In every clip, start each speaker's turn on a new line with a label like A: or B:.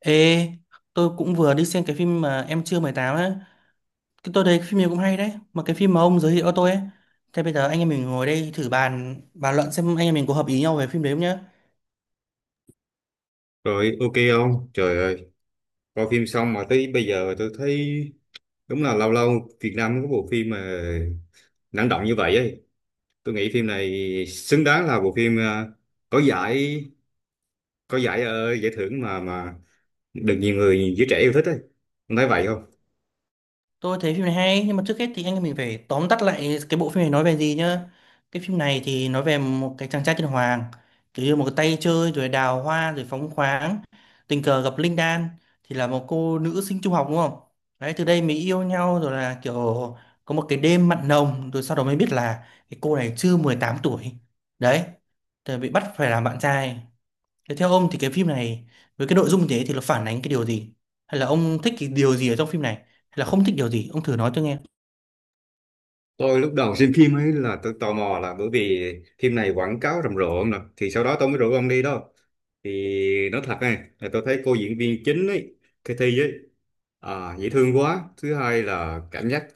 A: Ê, tôi cũng vừa đi xem cái phim mà Em chưa 18 á. Cái tôi thấy cái phim này cũng hay đấy. Mà cái phim mà ông giới thiệu cho tôi ấy. Thế bây giờ anh em mình ngồi đây thử bàn bàn luận xem anh em mình có hợp ý nhau về phim đấy không nhá.
B: Rồi, ok không? Trời ơi, coi phim xong mà tới bây giờ tôi thấy đúng là lâu lâu Việt Nam có bộ phim mà năng động như vậy ấy. Tôi nghĩ phim này xứng đáng là bộ phim có giải giải thưởng mà được nhiều người giới trẻ yêu thích ấy. Ông thấy vậy không?
A: Tôi thấy phim này hay, nhưng mà trước hết thì anh em mình phải tóm tắt lại cái bộ phim này nói về gì nhá. Cái phim này thì nói về một cái chàng trai tên Hoàng, kiểu như một cái tay chơi rồi đào hoa rồi phóng khoáng, tình cờ gặp Linh Đan thì là một cô nữ sinh trung học, đúng không? Đấy, từ đây mới yêu nhau rồi là kiểu có một cái đêm mặn nồng, rồi sau đó mới biết là cái cô này chưa 18 tuổi. Đấy, rồi bị bắt phải làm bạn trai. Thế theo ông thì cái phim này với cái nội dung thế thì nó phản ánh cái điều gì? Hay là ông thích cái điều gì ở trong phim này? Hay là không thích điều gì? Ông thử nói tôi nghe.
B: Tôi lúc đầu xem phim ấy là tôi tò mò là bởi vì phim này quảng cáo rầm rộ ông nè, thì sau đó tôi mới rủ ông đi đó. Thì nói thật này, là tôi thấy cô diễn viên chính ấy, cái thi ấy. Dễ thương quá. Thứ hai là cảm giác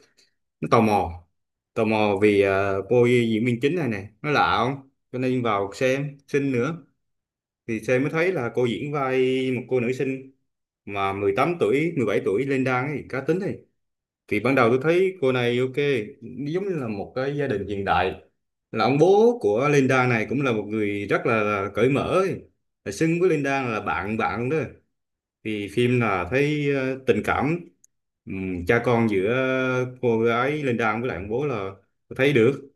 B: nó tò mò, cô diễn viên chính này nè nó lạ không, cho nên vào xem xinh nữa thì xem mới thấy là cô diễn vai một cô nữ sinh mà 18 tuổi, 17 tuổi lên đang ấy cá tính ấy. Thì ban đầu tôi thấy cô này ok, giống như là một cái gia đình hiện đại, là ông bố của Linda này cũng là một người rất là cởi mở ấy. Là xưng với Linda là bạn bạn đó. Thì phim là thấy tình cảm, cha con giữa cô gái Linda với lại ông bố là thấy được.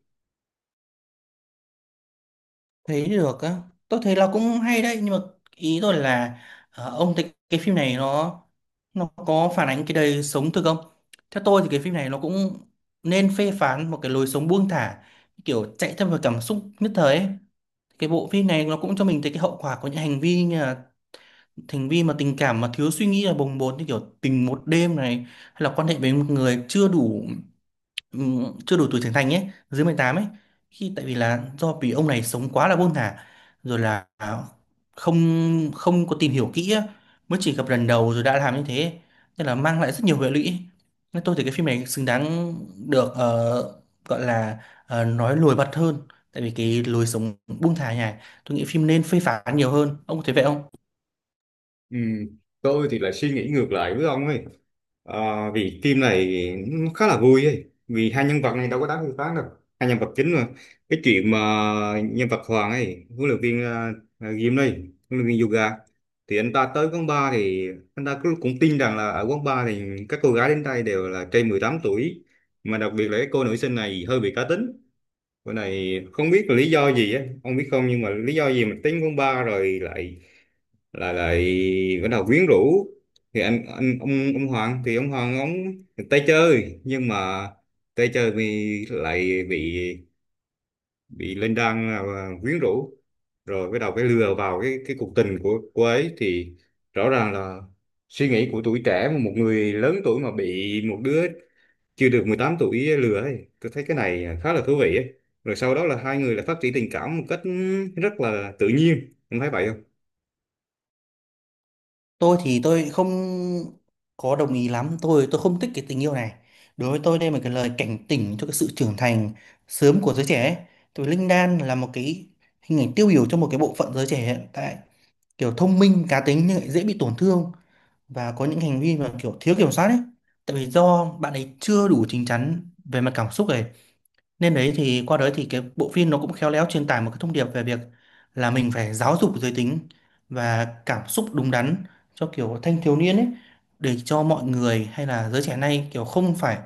A: Thấy được á. Tôi thấy là cũng hay đấy, nhưng mà ý tôi là, ông thấy cái phim này nó có phản ánh cái đời sống thực không? Theo tôi thì cái phim này nó cũng nên phê phán một cái lối sống buông thả, kiểu chạy theo vào cảm xúc nhất thời ấy. Cái bộ phim này nó cũng cho mình thấy cái hậu quả của những hành vi, như là hành vi mà tình cảm mà thiếu suy nghĩ là bồng bột, như kiểu tình một đêm này, hay là quan hệ với một người chưa đủ, chưa đủ tuổi trưởng thành ấy, dưới 18 ấy, khi tại vì là do vì ông này sống quá là buông thả, rồi là không không có tìm hiểu kỹ á, mới chỉ gặp lần đầu rồi đã làm như thế, nên là mang lại rất nhiều hệ lụy. Nên tôi thấy cái phim này xứng đáng được, gọi là, nói lùi bật hơn. Tại vì cái lối sống buông thả này, tôi nghĩ phim nên phê phán nhiều hơn. Ông có thấy vậy không?
B: Ừm, Tôi thì lại suy nghĩ ngược lại với ông ấy. Ờ, Vì phim này nó khá là vui ấy. Vì hai nhân vật này đâu có đáng phê phán đâu. Hai nhân vật chính mà. Cái chuyện mà nhân vật Hoàng ấy, huấn luyện viên gym đây, huấn luyện viên yoga. Thì anh ta tới quán bar, thì anh ta cũng cũng tin rằng là ở quán bar thì các cô gái đến đây đều là trên 18 tuổi. Mà đặc biệt là cái cô nữ sinh này hơi bị cá tính. Bữa này không biết là lý do gì á, ông biết không, nhưng mà lý do gì mà tính con ba rồi lại lại lại bắt đầu quyến rũ. Thì anh ông Hoàng thì ông Hoàng ông tay chơi, nhưng mà tay chơi vì lại bị Linh Đan là quyến rũ, rồi bắt đầu cái lừa vào cái cuộc tình của cô ấy. Thì rõ ràng là suy nghĩ của tuổi trẻ mà một người lớn tuổi mà bị một đứa chưa được 18 tuổi lừa ấy. Tôi thấy cái này khá là thú vị ấy. Rồi sau đó là hai người lại phát triển tình cảm một cách rất là tự nhiên. Em thấy vậy không?
A: Tôi thì tôi không có đồng ý lắm. Tôi không thích cái tình yêu này. Đối với tôi đây là một cái lời cảnh tỉnh cho cái sự trưởng thành sớm của giới trẻ ấy. Tại vì Linh Đan là một cái hình ảnh tiêu biểu cho một cái bộ phận giới trẻ hiện tại, kiểu thông minh cá tính nhưng lại dễ bị tổn thương, và có những hành vi mà kiểu thiếu kiểm soát ấy, tại vì do bạn ấy chưa đủ chín chắn về mặt cảm xúc này. Nên đấy, thì qua đấy thì cái bộ phim nó cũng khéo léo truyền tải một cái thông điệp về việc là mình phải giáo dục giới tính và cảm xúc đúng đắn cho kiểu thanh thiếu niên ấy, để cho mọi người hay là giới trẻ nay kiểu không phải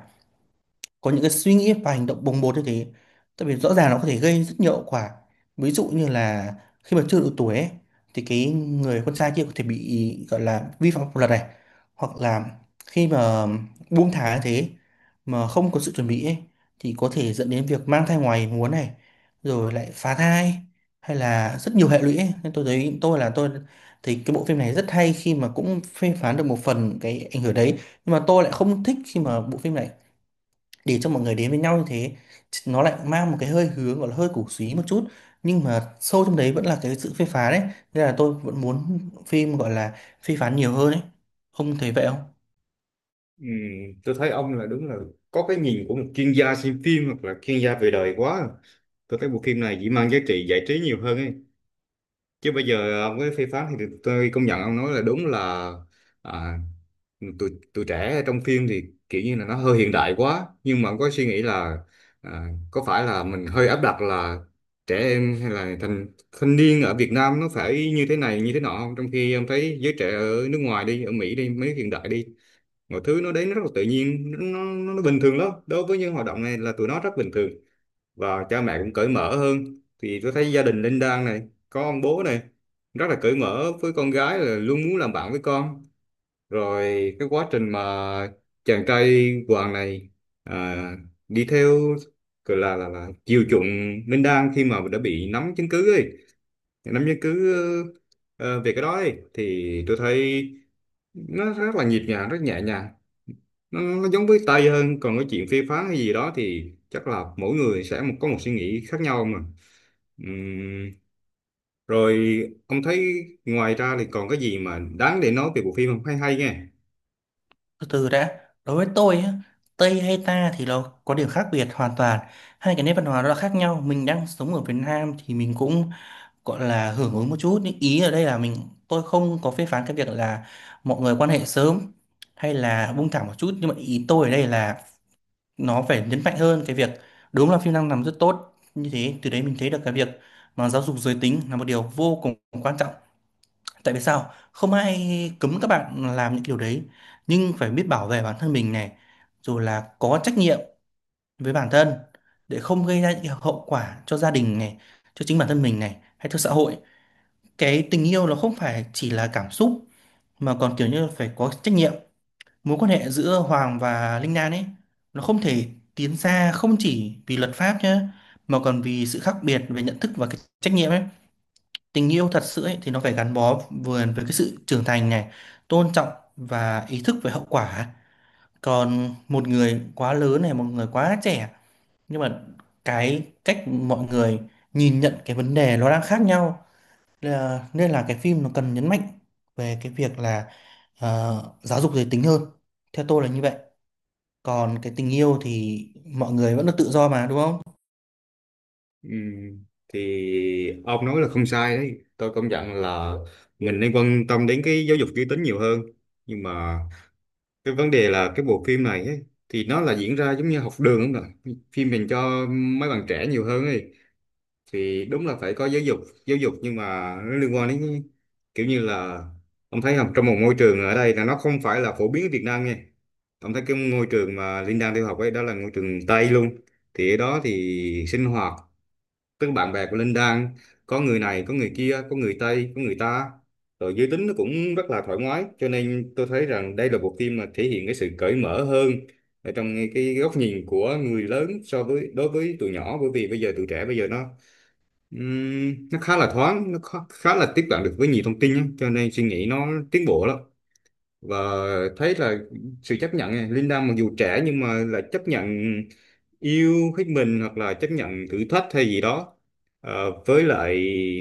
A: có những cái suy nghĩ và hành động bồng bột như thế. Tại vì rõ ràng nó có thể gây rất nhiều hậu quả, ví dụ như là khi mà chưa đủ tuổi ấy, thì cái người con trai kia có thể bị gọi là vi phạm pháp luật này, hoặc là khi mà buông thả như thế mà không có sự chuẩn bị ấy, thì có thể dẫn đến việc mang thai ngoài muốn này, rồi lại phá thai, hay là rất nhiều hệ lụy ấy. Nên tôi thấy tôi là tôi thì cái bộ phim này rất hay khi mà cũng phê phán được một phần cái ảnh hưởng đấy, nhưng mà tôi lại không thích khi mà bộ phim này để cho mọi người đến với nhau như thế, nó lại mang một cái hơi hướng gọi là hơi cổ súy một chút, nhưng mà sâu trong đấy vẫn là cái sự phê phán ấy. Nên là tôi vẫn muốn phim gọi là phê phán nhiều hơn ấy. Ông thấy vậy không?
B: Ừm, tôi thấy ông là đúng là có cái nhìn của một chuyên gia xem phim hoặc là chuyên gia về đời quá. Tôi thấy bộ phim này chỉ mang giá trị giải trí nhiều hơn ấy. Chứ bây giờ ông cái phê phán thì tôi công nhận ông nói là đúng là, à, tụi tụi trẻ trong phim thì kiểu như là nó hơi hiện đại quá. Nhưng mà ông có suy nghĩ là, có phải là mình hơi áp đặt là trẻ em hay là thanh thanh niên ở Việt Nam nó phải như thế này như thế nọ không, trong khi em thấy giới trẻ ở nước ngoài đi, ở Mỹ đi mấy hiện đại đi, mọi thứ nó đến nó rất là tự nhiên. Nó bình thường lắm, đối với những hoạt động này là tụi nó rất bình thường và cha mẹ cũng cởi mở hơn. Thì tôi thấy gia đình Linh Đan này có ông bố này rất là cởi mở với con gái, là luôn muốn làm bạn với con. Rồi cái quá trình mà chàng trai Hoàng này à, đi theo, gọi là là chiều chuộng Ninh Đan khi mà đã bị nắm chứng cứ ấy, nắm chứng cứ ờ, về cái đó ấy, thì tôi thấy nó rất là nhịp nhàng, rất nhẹ nhàng. Nó giống với Tây hơn. Còn cái chuyện phê phán hay gì đó thì chắc là mỗi người sẽ có một suy nghĩ khác nhau mà. Ừm, rồi Ông thấy ngoài ra thì còn cái gì mà đáng để nói về bộ phim không, hay hay nghe?
A: Từ từ đã, đối với tôi á, Tây hay ta thì nó có điểm khác biệt hoàn toàn, hai cái nét văn hóa nó là khác nhau. Mình đang sống ở Việt Nam thì mình cũng gọi là hưởng ứng một chút, nhưng ý ở đây là mình, tôi không có phê phán cái việc là mọi người quan hệ sớm hay là buông thả một chút, nhưng mà ý tôi ở đây là nó phải nhấn mạnh hơn cái việc, đúng là phim đang làm rất tốt như thế, từ đấy mình thấy được cái việc mà giáo dục giới tính là một điều vô cùng quan trọng. Tại vì sao, không ai cấm các bạn làm những điều đấy, nhưng phải biết bảo vệ bản thân mình này, rồi là có trách nhiệm với bản thân để không gây ra những cái hậu quả cho gia đình này, cho chính bản thân mình này, hay cho xã hội. Cái tình yêu nó không phải chỉ là cảm xúc, mà còn kiểu như là phải có trách nhiệm. Mối quan hệ giữa Hoàng và Linh Đan ấy, nó không thể tiến xa, không chỉ vì luật pháp nhé, mà còn vì sự khác biệt về nhận thức và cái trách nhiệm ấy. Tình yêu thật sự ấy thì nó phải gắn bó vừa với cái sự trưởng thành này, tôn trọng, và ý thức về hậu quả. Còn một người quá lớn này, một người quá trẻ, nhưng mà cái cách mọi người nhìn nhận cái vấn đề nó đang khác nhau. Nên là cái phim nó cần nhấn mạnh về cái việc là, giáo dục giới tính hơn, theo tôi là như vậy. Còn cái tình yêu thì mọi người vẫn là tự do mà, đúng không?
B: Ừ, thì ông nói là không sai đấy. Tôi công nhận là mình nên quan tâm đến cái giáo dục giới tính nhiều hơn, nhưng mà cái vấn đề là cái bộ phim này ấy, thì nó là diễn ra giống như học đường không ạ, phim dành cho mấy bạn trẻ nhiều hơn ấy. Thì đúng là phải có giáo dục, nhưng mà nó liên quan đến kiểu như là, ông thấy không, trong một môi trường ở đây là nó không phải là phổ biến ở Việt Nam nha. Ông thấy cái ngôi trường mà Linh đang theo học ấy, đó là ngôi trường Tây luôn. Thì ở đó thì sinh hoạt, tức bạn bè của Linh Đan có người này có người kia, có người Tây có người ta, rồi giới tính nó cũng rất là thoải mái. Cho nên tôi thấy rằng đây là bộ phim mà thể hiện cái sự cởi mở hơn ở trong cái góc nhìn của người lớn so với đối với tụi nhỏ. Bởi vì bây giờ tụi trẻ bây giờ nó, nó khá là thoáng, nó khá là tiếp cận được với nhiều thông tin á, cho nên suy nghĩ nó tiến bộ lắm. Và thấy là sự chấp nhận này, Linda mặc dù trẻ nhưng mà là chấp nhận yêu thích mình, hoặc là chấp nhận thử thách hay gì đó. Ờ, với lại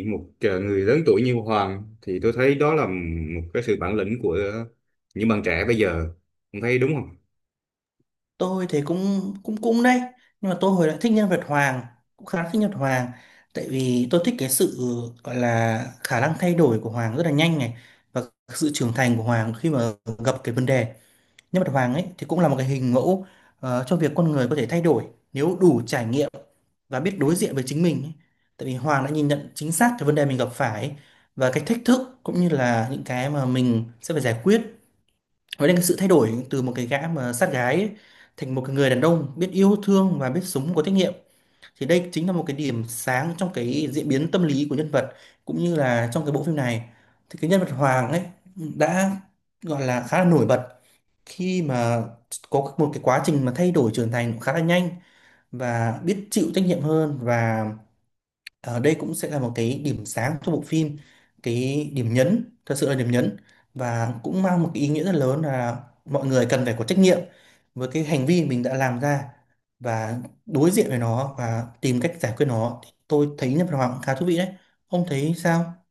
B: người lớn tuổi như Hoàng, thì tôi thấy đó là một cái sự bản lĩnh của những bạn trẻ bây giờ. Ông thấy đúng không?
A: Tôi thì cũng cũng cũng đấy, nhưng mà tôi hồi lại thích nhân vật Hoàng, cũng khá thích nhân vật Hoàng. Tại vì tôi thích cái sự gọi là khả năng thay đổi của Hoàng rất là nhanh này, và sự trưởng thành của Hoàng khi mà gặp cái vấn đề. Nhân vật Hoàng ấy thì cũng là một cái hình mẫu, cho việc con người có thể thay đổi nếu đủ trải nghiệm và biết đối diện với chính mình ấy. Tại vì Hoàng đã nhìn nhận chính xác cái vấn đề mình gặp phải ấy, và cái thách thức cũng như là những cái mà mình sẽ phải giải quyết. Nói đến cái sự thay đổi từ một cái gã mà sát gái ấy, thành một cái người đàn ông biết yêu thương và biết sống có trách nhiệm, thì đây chính là một cái điểm sáng trong cái diễn biến tâm lý của nhân vật, cũng như là trong cái bộ phim này. Thì cái nhân vật Hoàng ấy đã gọi là khá là nổi bật khi mà có một cái quá trình mà thay đổi trưởng thành khá là nhanh và biết chịu trách nhiệm hơn. Và đây cũng sẽ là một cái điểm sáng cho bộ phim, cái điểm nhấn, thật sự là điểm nhấn, và cũng mang một cái ý nghĩa rất lớn là mọi người cần phải có trách nhiệm với cái hành vi mình đã làm ra, và đối diện với nó và tìm cách giải quyết nó. Thì tôi thấy nhân vật Hoàng cũng khá thú vị đấy. Ông thấy sao?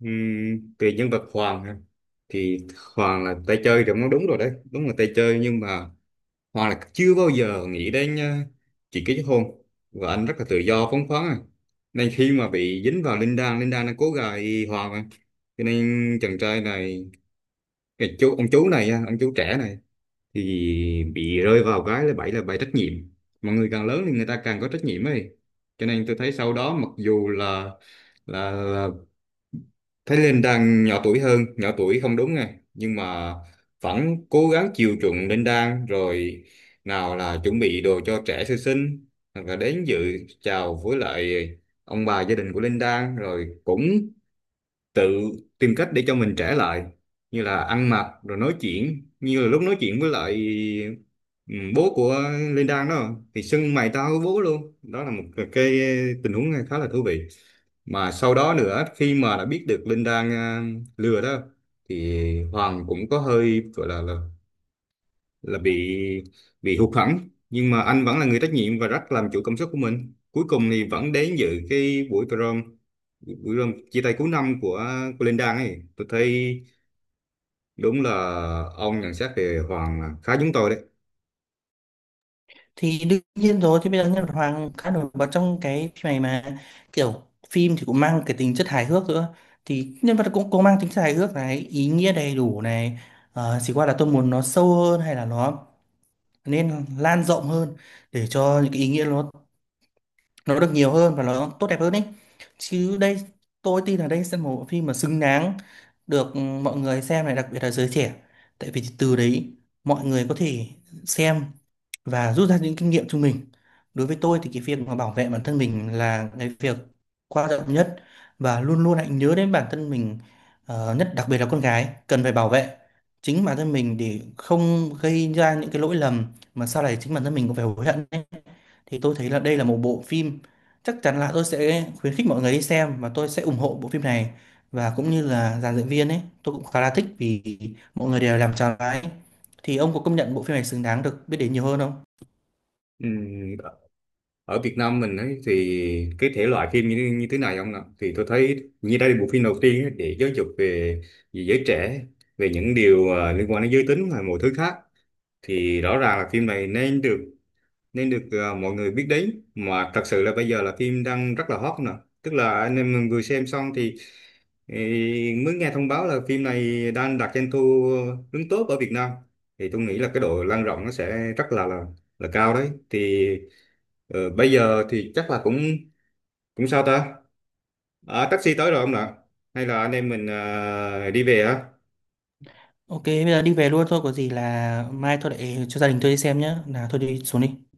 B: Về nhân vật Hoàng ha, thì Hoàng là tay chơi thì nó đúng rồi đấy, đúng là tay chơi, nhưng mà Hoa là chưa bao giờ nghĩ đến chuyện kết hôn và anh rất là tự do phóng khoáng à. Nên khi mà bị dính vào Linh Đan, Linh Đan nó cố gài Hoa mà. Cho nên chàng trai này, cái chú ông chú này, á, ông chú trẻ này thì bị rơi vào cái là bẫy, bẫy trách nhiệm. Mọi người càng lớn thì người ta càng có trách nhiệm ấy. Cho nên tôi thấy sau đó mặc dù là Thái Linh đang nhỏ tuổi hơn, nhỏ tuổi không đúng này, nhưng mà vẫn cố gắng chiều chuộng Linh Đan, rồi nào là chuẩn bị đồ cho trẻ sơ sinh, hoặc là đến dự chào với lại ông bà gia đình của Linh Đan, rồi cũng tự tìm cách để cho mình trẻ lại, như là ăn mặc rồi nói chuyện, như là lúc nói chuyện với lại ừ, bố của Linh Đan đó thì xưng mày tao với bố luôn, đó là một cái tình huống khá là thú vị. Mà sau đó nữa, khi mà đã biết được Linh đang lừa đó, thì Hoàng cũng có hơi gọi là bị, hụt hẫng, nhưng mà anh vẫn là người trách nhiệm và rất làm chủ cảm xúc của mình. Cuối cùng thì vẫn đến dự cái buổi prom chia tay cuối năm của Linh Đan ấy. Tôi thấy đúng là ông nhận xét về Hoàng là khá giống tôi đấy.
A: Thì đương nhiên rồi, thì bây giờ nhân vật Hoàng khá nổi bật trong cái phim này mà. Kiểu phim thì cũng mang cái tính chất hài hước nữa, thì nhân vật cũng cũng mang tính chất hài hước này, ý nghĩa đầy đủ này. Chỉ qua là tôi muốn nó sâu hơn, hay là nó nên lan rộng hơn, để cho những cái ý nghĩa nó được nhiều hơn và nó tốt đẹp hơn ấy. Chứ đây, tôi tin là đây sẽ là một bộ phim mà xứng đáng được, mọi người xem này, đặc biệt là giới trẻ. Tại vì từ đấy mọi người có thể xem và rút ra những kinh nghiệm cho mình. Đối với tôi thì cái việc mà bảo vệ bản thân mình là cái việc quan trọng nhất, và luôn luôn hãy nhớ đến bản thân mình, nhất đặc biệt là con gái cần phải bảo vệ chính bản thân mình để không gây ra những cái lỗi lầm mà sau này chính bản thân mình cũng phải hối hận ấy. Thì tôi thấy là đây là một bộ phim chắc chắn là tôi sẽ khuyến khích mọi người đi xem, và tôi sẽ ủng hộ bộ phim này, và cũng như là dàn dựng viên ấy tôi cũng khá là thích, vì mọi người đều làm tròn vai ấy. Thì ông có công nhận bộ phim này xứng đáng được biết đến nhiều hơn không?
B: Ừm, Ở Việt Nam mình ấy, thì cái thể loại phim như như thế này ông ạ, thì tôi thấy như đây là bộ phim đầu tiên ấy, để giáo dục về giới trẻ, về những điều liên quan đến giới tính và mọi thứ khác. Thì rõ ràng là phim này nên được mọi người biết đến. Mà thật sự là bây giờ là phim đang rất là hot nè, tức là anh em mình vừa xem xong thì ý, mới nghe thông báo là phim này đang đạt doanh thu đứng top ở Việt Nam. Thì tôi nghĩ là cái độ lan rộng nó sẽ rất là cao đấy. Thì bây giờ thì chắc là cũng cũng sao ta, taxi tới rồi không ạ, hay là anh em mình đi về á?
A: OK, bây giờ đi về luôn thôi, có gì là mai tôi lại cho gia đình tôi đi xem nhé, là tôi đi xuống đi.